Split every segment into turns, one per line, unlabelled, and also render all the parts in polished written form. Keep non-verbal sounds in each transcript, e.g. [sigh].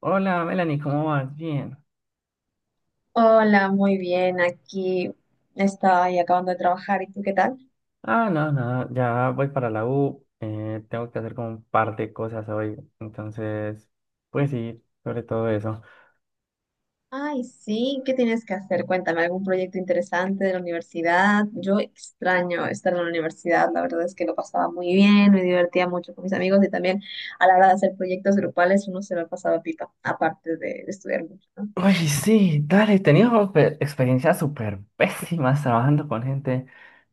Hola, Melanie, ¿cómo vas? Bien.
Hola, muy bien. Aquí estoy acabando de trabajar. ¿Y tú qué tal?
Ah, no, no, ya voy para la U. Tengo que hacer como un par de cosas hoy. Entonces, pues sí, sobre todo eso.
Ay, sí, ¿qué tienes que hacer? Cuéntame, ¿algún proyecto interesante de la universidad? Yo extraño estar en la universidad. La verdad es que lo pasaba muy bien, me divertía mucho con mis amigos y también a la hora de hacer proyectos grupales uno se lo pasaba pipa, aparte de estudiar mucho, ¿no?
Uy, sí, dale, he tenido experiencias súper pésimas trabajando con gente.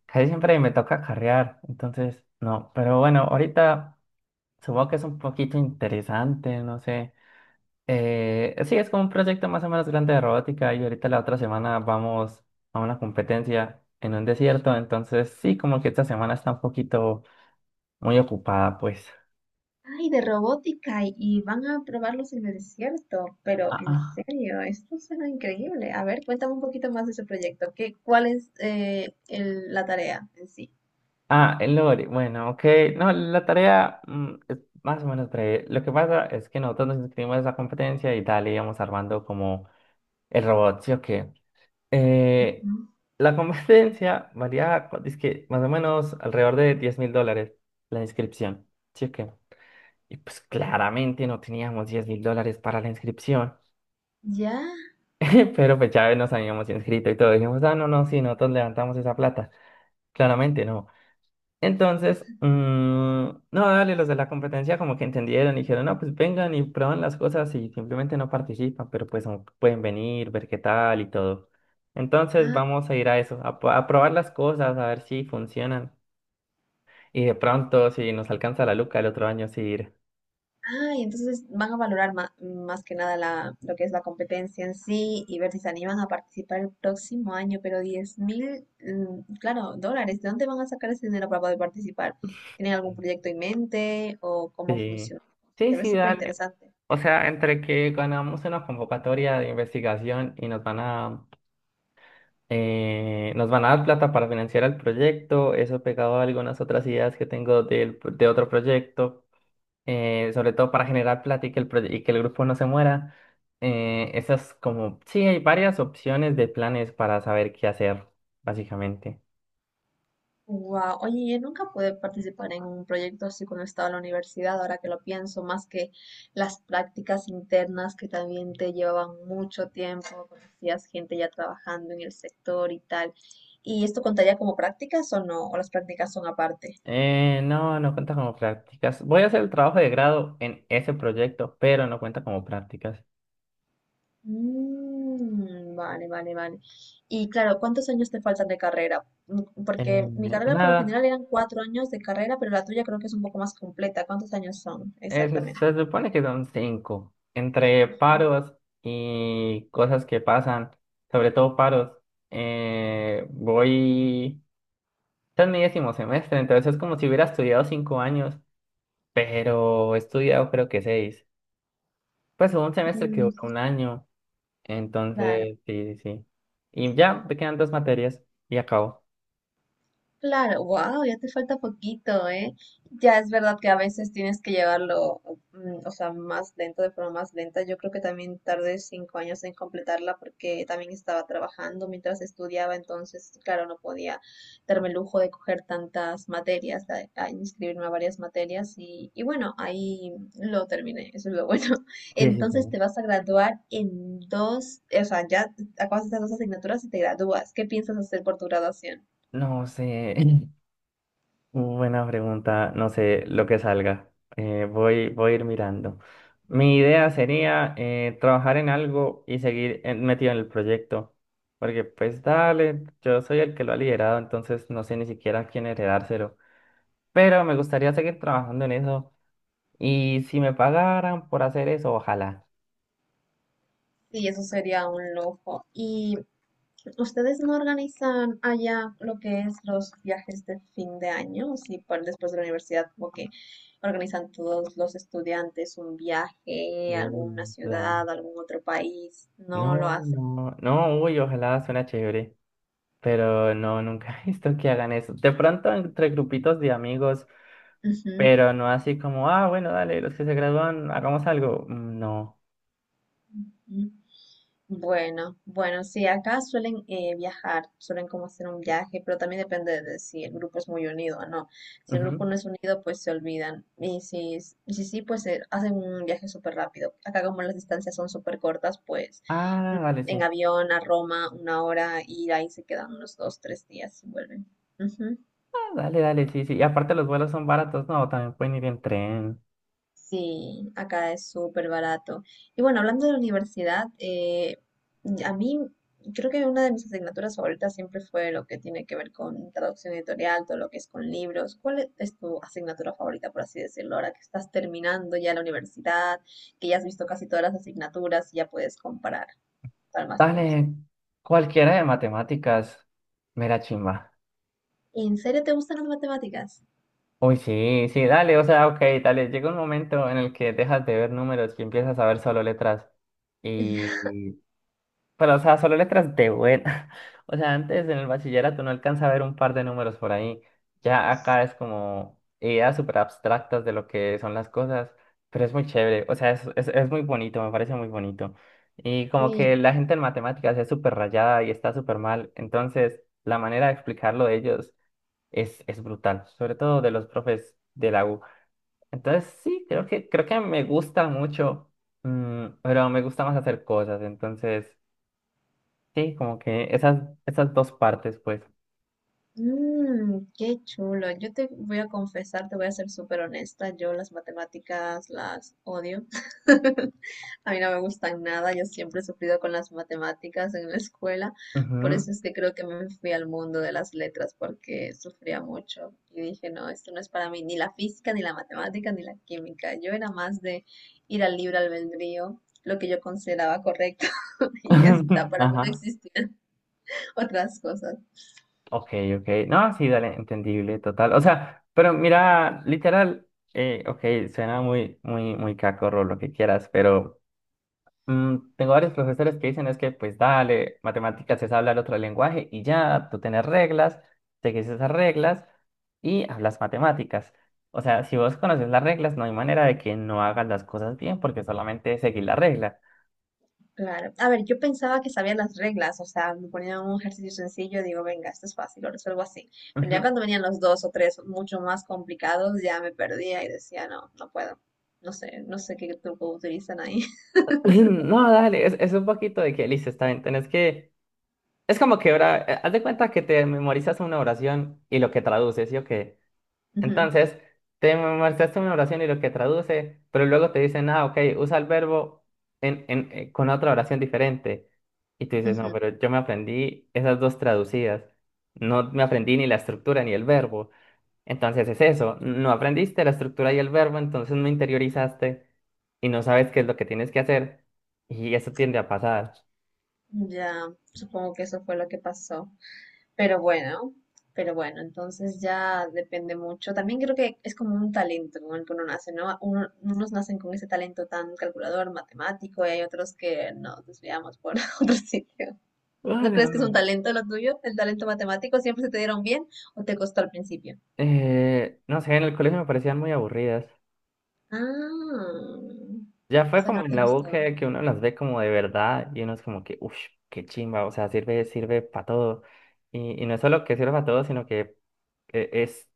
Casi siempre me toca carrear. Entonces, no, pero bueno, ahorita supongo que es un poquito interesante, no sé. Sí, es como un proyecto más o menos grande de robótica y ahorita la otra semana vamos a una competencia en un desierto, entonces sí, como que esta semana está un poquito muy ocupada, pues.
Ay, de robótica y van a probarlos en el desierto, pero
Ah,
en
ah.
serio, esto suena increíble. A ver, cuéntame un poquito más de ese proyecto. ¿¿ cuál es la tarea en sí?
El lore, bueno, ok, no, la tarea es más o menos breve. Lo que pasa es que nosotros nos inscribimos a esa competencia y tal, íbamos armando como el robot, ¿sí o qué? Eh,
Mm,
la [laughs] competencia varía, es que más o menos alrededor de $10.000 la inscripción, ¿sí o qué? Y pues claramente no teníamos $10.000 para la inscripción,
ya,
[laughs] pero pues ya nos habíamos inscrito y todo. Dijimos, ah, no, no, sí, nosotros levantamos esa plata. Claramente no. Entonces, no, dale, los de la competencia como que entendieron y dijeron, no, pues vengan y prueban las cosas y simplemente no participan, pero pues no pueden venir, ver qué tal y todo. Entonces
ah,
vamos a ir a eso, a probar las cosas, a ver si funcionan. Y de pronto, si nos alcanza la luca el otro año, sí ir.
ah, y entonces van a valorar más que nada lo que es la competencia en sí y ver si se animan a participar el próximo año, pero 10.000, claro, dólares, ¿de dónde van a sacar ese dinero para poder participar? ¿Tienen algún proyecto en mente o cómo
Sí,
funciona?
sí,
Se ve
sí,
súper
dale.
interesante.
O sea, entre que ganamos una convocatoria de investigación y nos van a dar plata para financiar el proyecto, eso pegado a algunas otras ideas que tengo de otro proyecto, sobre todo para generar plata y que el grupo no se muera. Esas como, sí, hay varias opciones de planes para saber qué hacer, básicamente.
Wow, oye, yo nunca pude participar en un proyecto así cuando estaba en la universidad, ahora que lo pienso, más que las prácticas internas que también te llevaban mucho tiempo, conocías gente ya trabajando en el sector y tal. ¿Y esto contaría como prácticas o no? ¿O las prácticas son aparte?
No, no cuenta como prácticas. Voy a hacer el trabajo de grado en ese proyecto, pero no cuenta como prácticas.
Mm, vale, vale, vale. Y claro, ¿cuántos años te faltan de carrera? Mm, porque mi
Eh,
carrera por lo
Nada.
general eran 4 años de carrera, pero la tuya creo que es un poco más completa. ¿Cuántos años son exactamente?
Se supone que son cinco, entre
Ujú.
paros y cosas que pasan, sobre todo paros. eh, voy, este es mi décimo semestre, entonces es como si hubiera estudiado 5 años, pero he estudiado creo que seis. Pues hubo un semestre que
Mm,
duró 1 año,
claro.
entonces sí, sí, sí. Y ya me quedan 2 materias y acabo.
Claro, wow, ya te falta poquito, ¿eh? Ya es verdad que a veces tienes que llevarlo, o sea, más lento, de forma más lenta. Yo creo que también tardé 5 años en completarla porque también estaba trabajando mientras estudiaba, entonces, claro, no podía darme el lujo de coger tantas materias, a inscribirme a varias materias y bueno, ahí lo terminé, eso es lo bueno. [laughs]
Sí, sí, sí.
Entonces te vas a graduar en dos, o sea, ya acabas estas dos asignaturas y te gradúas. ¿Qué piensas hacer por tu graduación?
No sé. [laughs] Buena pregunta, no sé, lo que salga. Voy a ir mirando. Mi idea sería trabajar en algo y seguir metido en el proyecto. Porque pues dale, yo soy el que lo ha liderado, entonces no sé ni siquiera a quién heredárselo. Pero me gustaría seguir trabajando en eso. Y si me pagaran por hacer eso, ojalá.
Sí, eso sería un lujo. ¿Y ustedes no organizan allá lo que es los viajes de fin de año? Sí, después de la universidad, como que organizan todos los estudiantes un viaje a alguna
Uy, dale.
ciudad, a algún otro país. No lo
No,
hacen.
no, no, uy, ojalá suena chévere. Pero no, nunca [laughs] he visto que hagan eso. De pronto entre grupitos de amigos. Pero no así como, ah, bueno, dale, los que se gradúan, hagamos algo. Mm. No.
Ujú. Bueno, bueno, sí, acá suelen viajar, suelen como hacer un viaje, pero también depende de si el grupo es muy unido o no. Si el grupo
Ujú.
no es unido, pues se olvidan. Y si sí, pues hacen un viaje súper rápido. Acá como las distancias son súper cortas, pues mm,
Ah, dale,
en
sí.
avión a Roma 1 hora y ahí se quedan unos dos, tres días y vuelven.
Ah, dale, dale, sí, sí. Y aparte los vuelos son baratos, no, también pueden ir en tren.
Sí, acá es súper barato. Y bueno, hablando de la universidad, a mí creo que una de mis asignaturas favoritas siempre fue lo que tiene que ver con traducción editorial, todo lo que es con libros. ¿Cuál es tu asignatura favorita, por así decirlo, ahora que estás terminando ya la universidad, que ya has visto casi todas las asignaturas y ya puedes comparar cuál más te gusta?
Dale, cualquiera de matemáticas. Mera chimba.
¿En serio te gustan las matemáticas?
Uy, sí, sí, dale, o sea, ok, dale. Llega un momento en el que dejas de ver números y empiezas a ver solo letras.
[laughs]
Y pero, o sea, solo letras de buena. [laughs] O sea, antes en el bachillerato no alcanza a ver un par de números por ahí. Ya acá es como ideas súper abstractas de lo que son las cosas, pero es muy chévere. O sea, es muy bonito, me parece muy bonito. Y como
Sí,
que la gente en matemáticas es súper rayada y está súper mal. Entonces, la manera de explicarlo de ellos es brutal, sobre todo de los profes de la U. Entonces, sí, creo que me gusta mucho, pero me gusta más hacer cosas. Entonces... Sí, como que esas dos partes, pues.
Qué chulo. Yo te voy a confesar, te voy a ser súper honesta. Yo las matemáticas las odio. [laughs] A mí no me gustan nada. Yo siempre he sufrido con las matemáticas en la escuela. Por
Ujú.
eso es que creo que me fui al mundo de las letras porque sufría mucho. Y dije, no, esto no es para mí. Ni la física, ni la matemática, ni la química. Yo era más de ir al libre albedrío, lo que yo consideraba correcto. [laughs] Y ya está,
[laughs]
para mí no
Ajá.
existían [laughs] otras cosas.
Ok, ok. No, sí, dale, entendible, total. O sea, pero mira, literal, ok, suena muy, muy, muy cacorro lo que quieras, pero tengo varios profesores que dicen es que, pues dale, matemáticas es hablar otro lenguaje y ya, tú tienes reglas, seguís esas reglas y hablas matemáticas. O sea, si vos conoces las reglas, no hay manera de que no hagas las cosas bien porque solamente seguís la regla.
Claro. A ver, yo pensaba que sabía las reglas, o sea, me ponían un ejercicio sencillo, digo, venga, esto es fácil, lo resuelvo así. Pero ya cuando venían los dos o tres mucho más complicados, ya me perdía y decía, no, no puedo. No sé, no sé qué truco utilizan ahí. [laughs]
[laughs] No, dale, es un poquito de que listo, está bien, tenés que... Es como que ahora, haz de cuenta que te memorizas una oración y lo que traduces, ¿sí o qué?
Ujú,
Entonces, te memorizaste una oración y lo que traduce, pero luego te dicen, ah, ok, usa el verbo con otra oración diferente. Y tú dices, no,
ujú.
pero yo me aprendí esas dos traducidas, no me aprendí ni la estructura ni el verbo. Entonces es eso, no aprendiste la estructura y el verbo, entonces no interiorizaste y no sabes qué es lo que tienes que hacer y eso tiende a pasar.
Ya, supongo que eso fue lo que pasó. Pero bueno, pero bueno, entonces ya depende mucho. También creo que es como un talento con el que uno nace, ¿no? Unos nacen con ese talento tan calculador, matemático, y hay otros que nos desviamos por [laughs] otros sitios. ¿No
Bueno,
crees que es un talento lo tuyo? ¿El talento matemático siempre se te dieron bien o te costó al principio?
No sé, en el colegio me parecían muy aburridas.
Ah,
Ya
o
fue
sea que no
como en
te
la U
gustó.
que uno las ve como de verdad y uno es como que, uff, qué chimba, o sea, sirve, sirve para todo. Y no es solo que sirve para todo, sino que eh, es,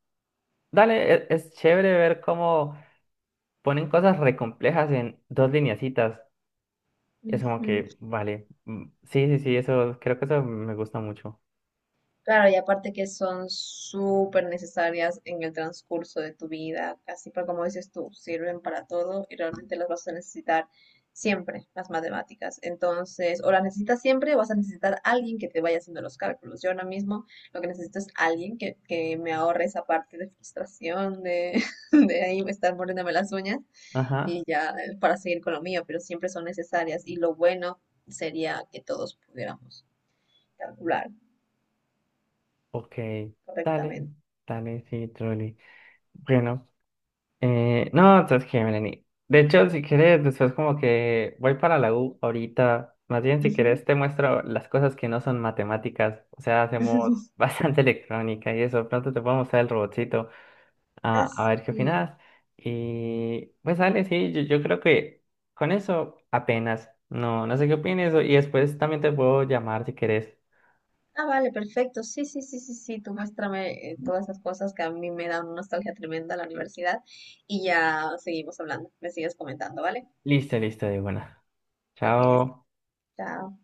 dale, es, chévere ver cómo ponen cosas re complejas en dos lineacitas. Y es como
Ujú.
que, vale, sí, sí, sí, eso, creo que eso me gusta mucho.
Claro, y aparte que son súper necesarias en el transcurso de tu vida, así para como dices tú, sirven para todo y realmente las vas a necesitar siempre, las matemáticas. Entonces, o las necesitas siempre o vas a necesitar a alguien que te vaya haciendo los cálculos. Yo ahora mismo lo que necesito es alguien que me ahorre esa parte de frustración, de, [laughs] de ahí estar mordiéndome las uñas y
Ajá,
ya para seguir con lo mío, pero siempre son necesarias y lo bueno sería que todos pudiéramos calcular
ok, dale,
correctamente.
dale, sí, truly. Bueno, no, entonces que, Melanie. De hecho, si quieres, después como que voy para la U ahorita. Más bien, si quieres, te muestro las cosas que no son matemáticas. O sea, hacemos [laughs]
[laughs]
bastante electrónica y eso. Pronto te puedo mostrar el robotcito. A, a ver qué
Así.
opinas. Y pues dale, sí, yo creo que con eso apenas. No, no sé qué opines. Y después también te puedo llamar si querés.
Ah, vale, perfecto. Sí, sí, sí, sí, sí. Tú muéstrame todas esas cosas que a mí me dan una nostalgia tremenda a la universidad y ya seguimos hablando. Me sigues comentando, ¿vale?
Listo, listo, de buena.
Ok, ya está.
Chao.
Chao.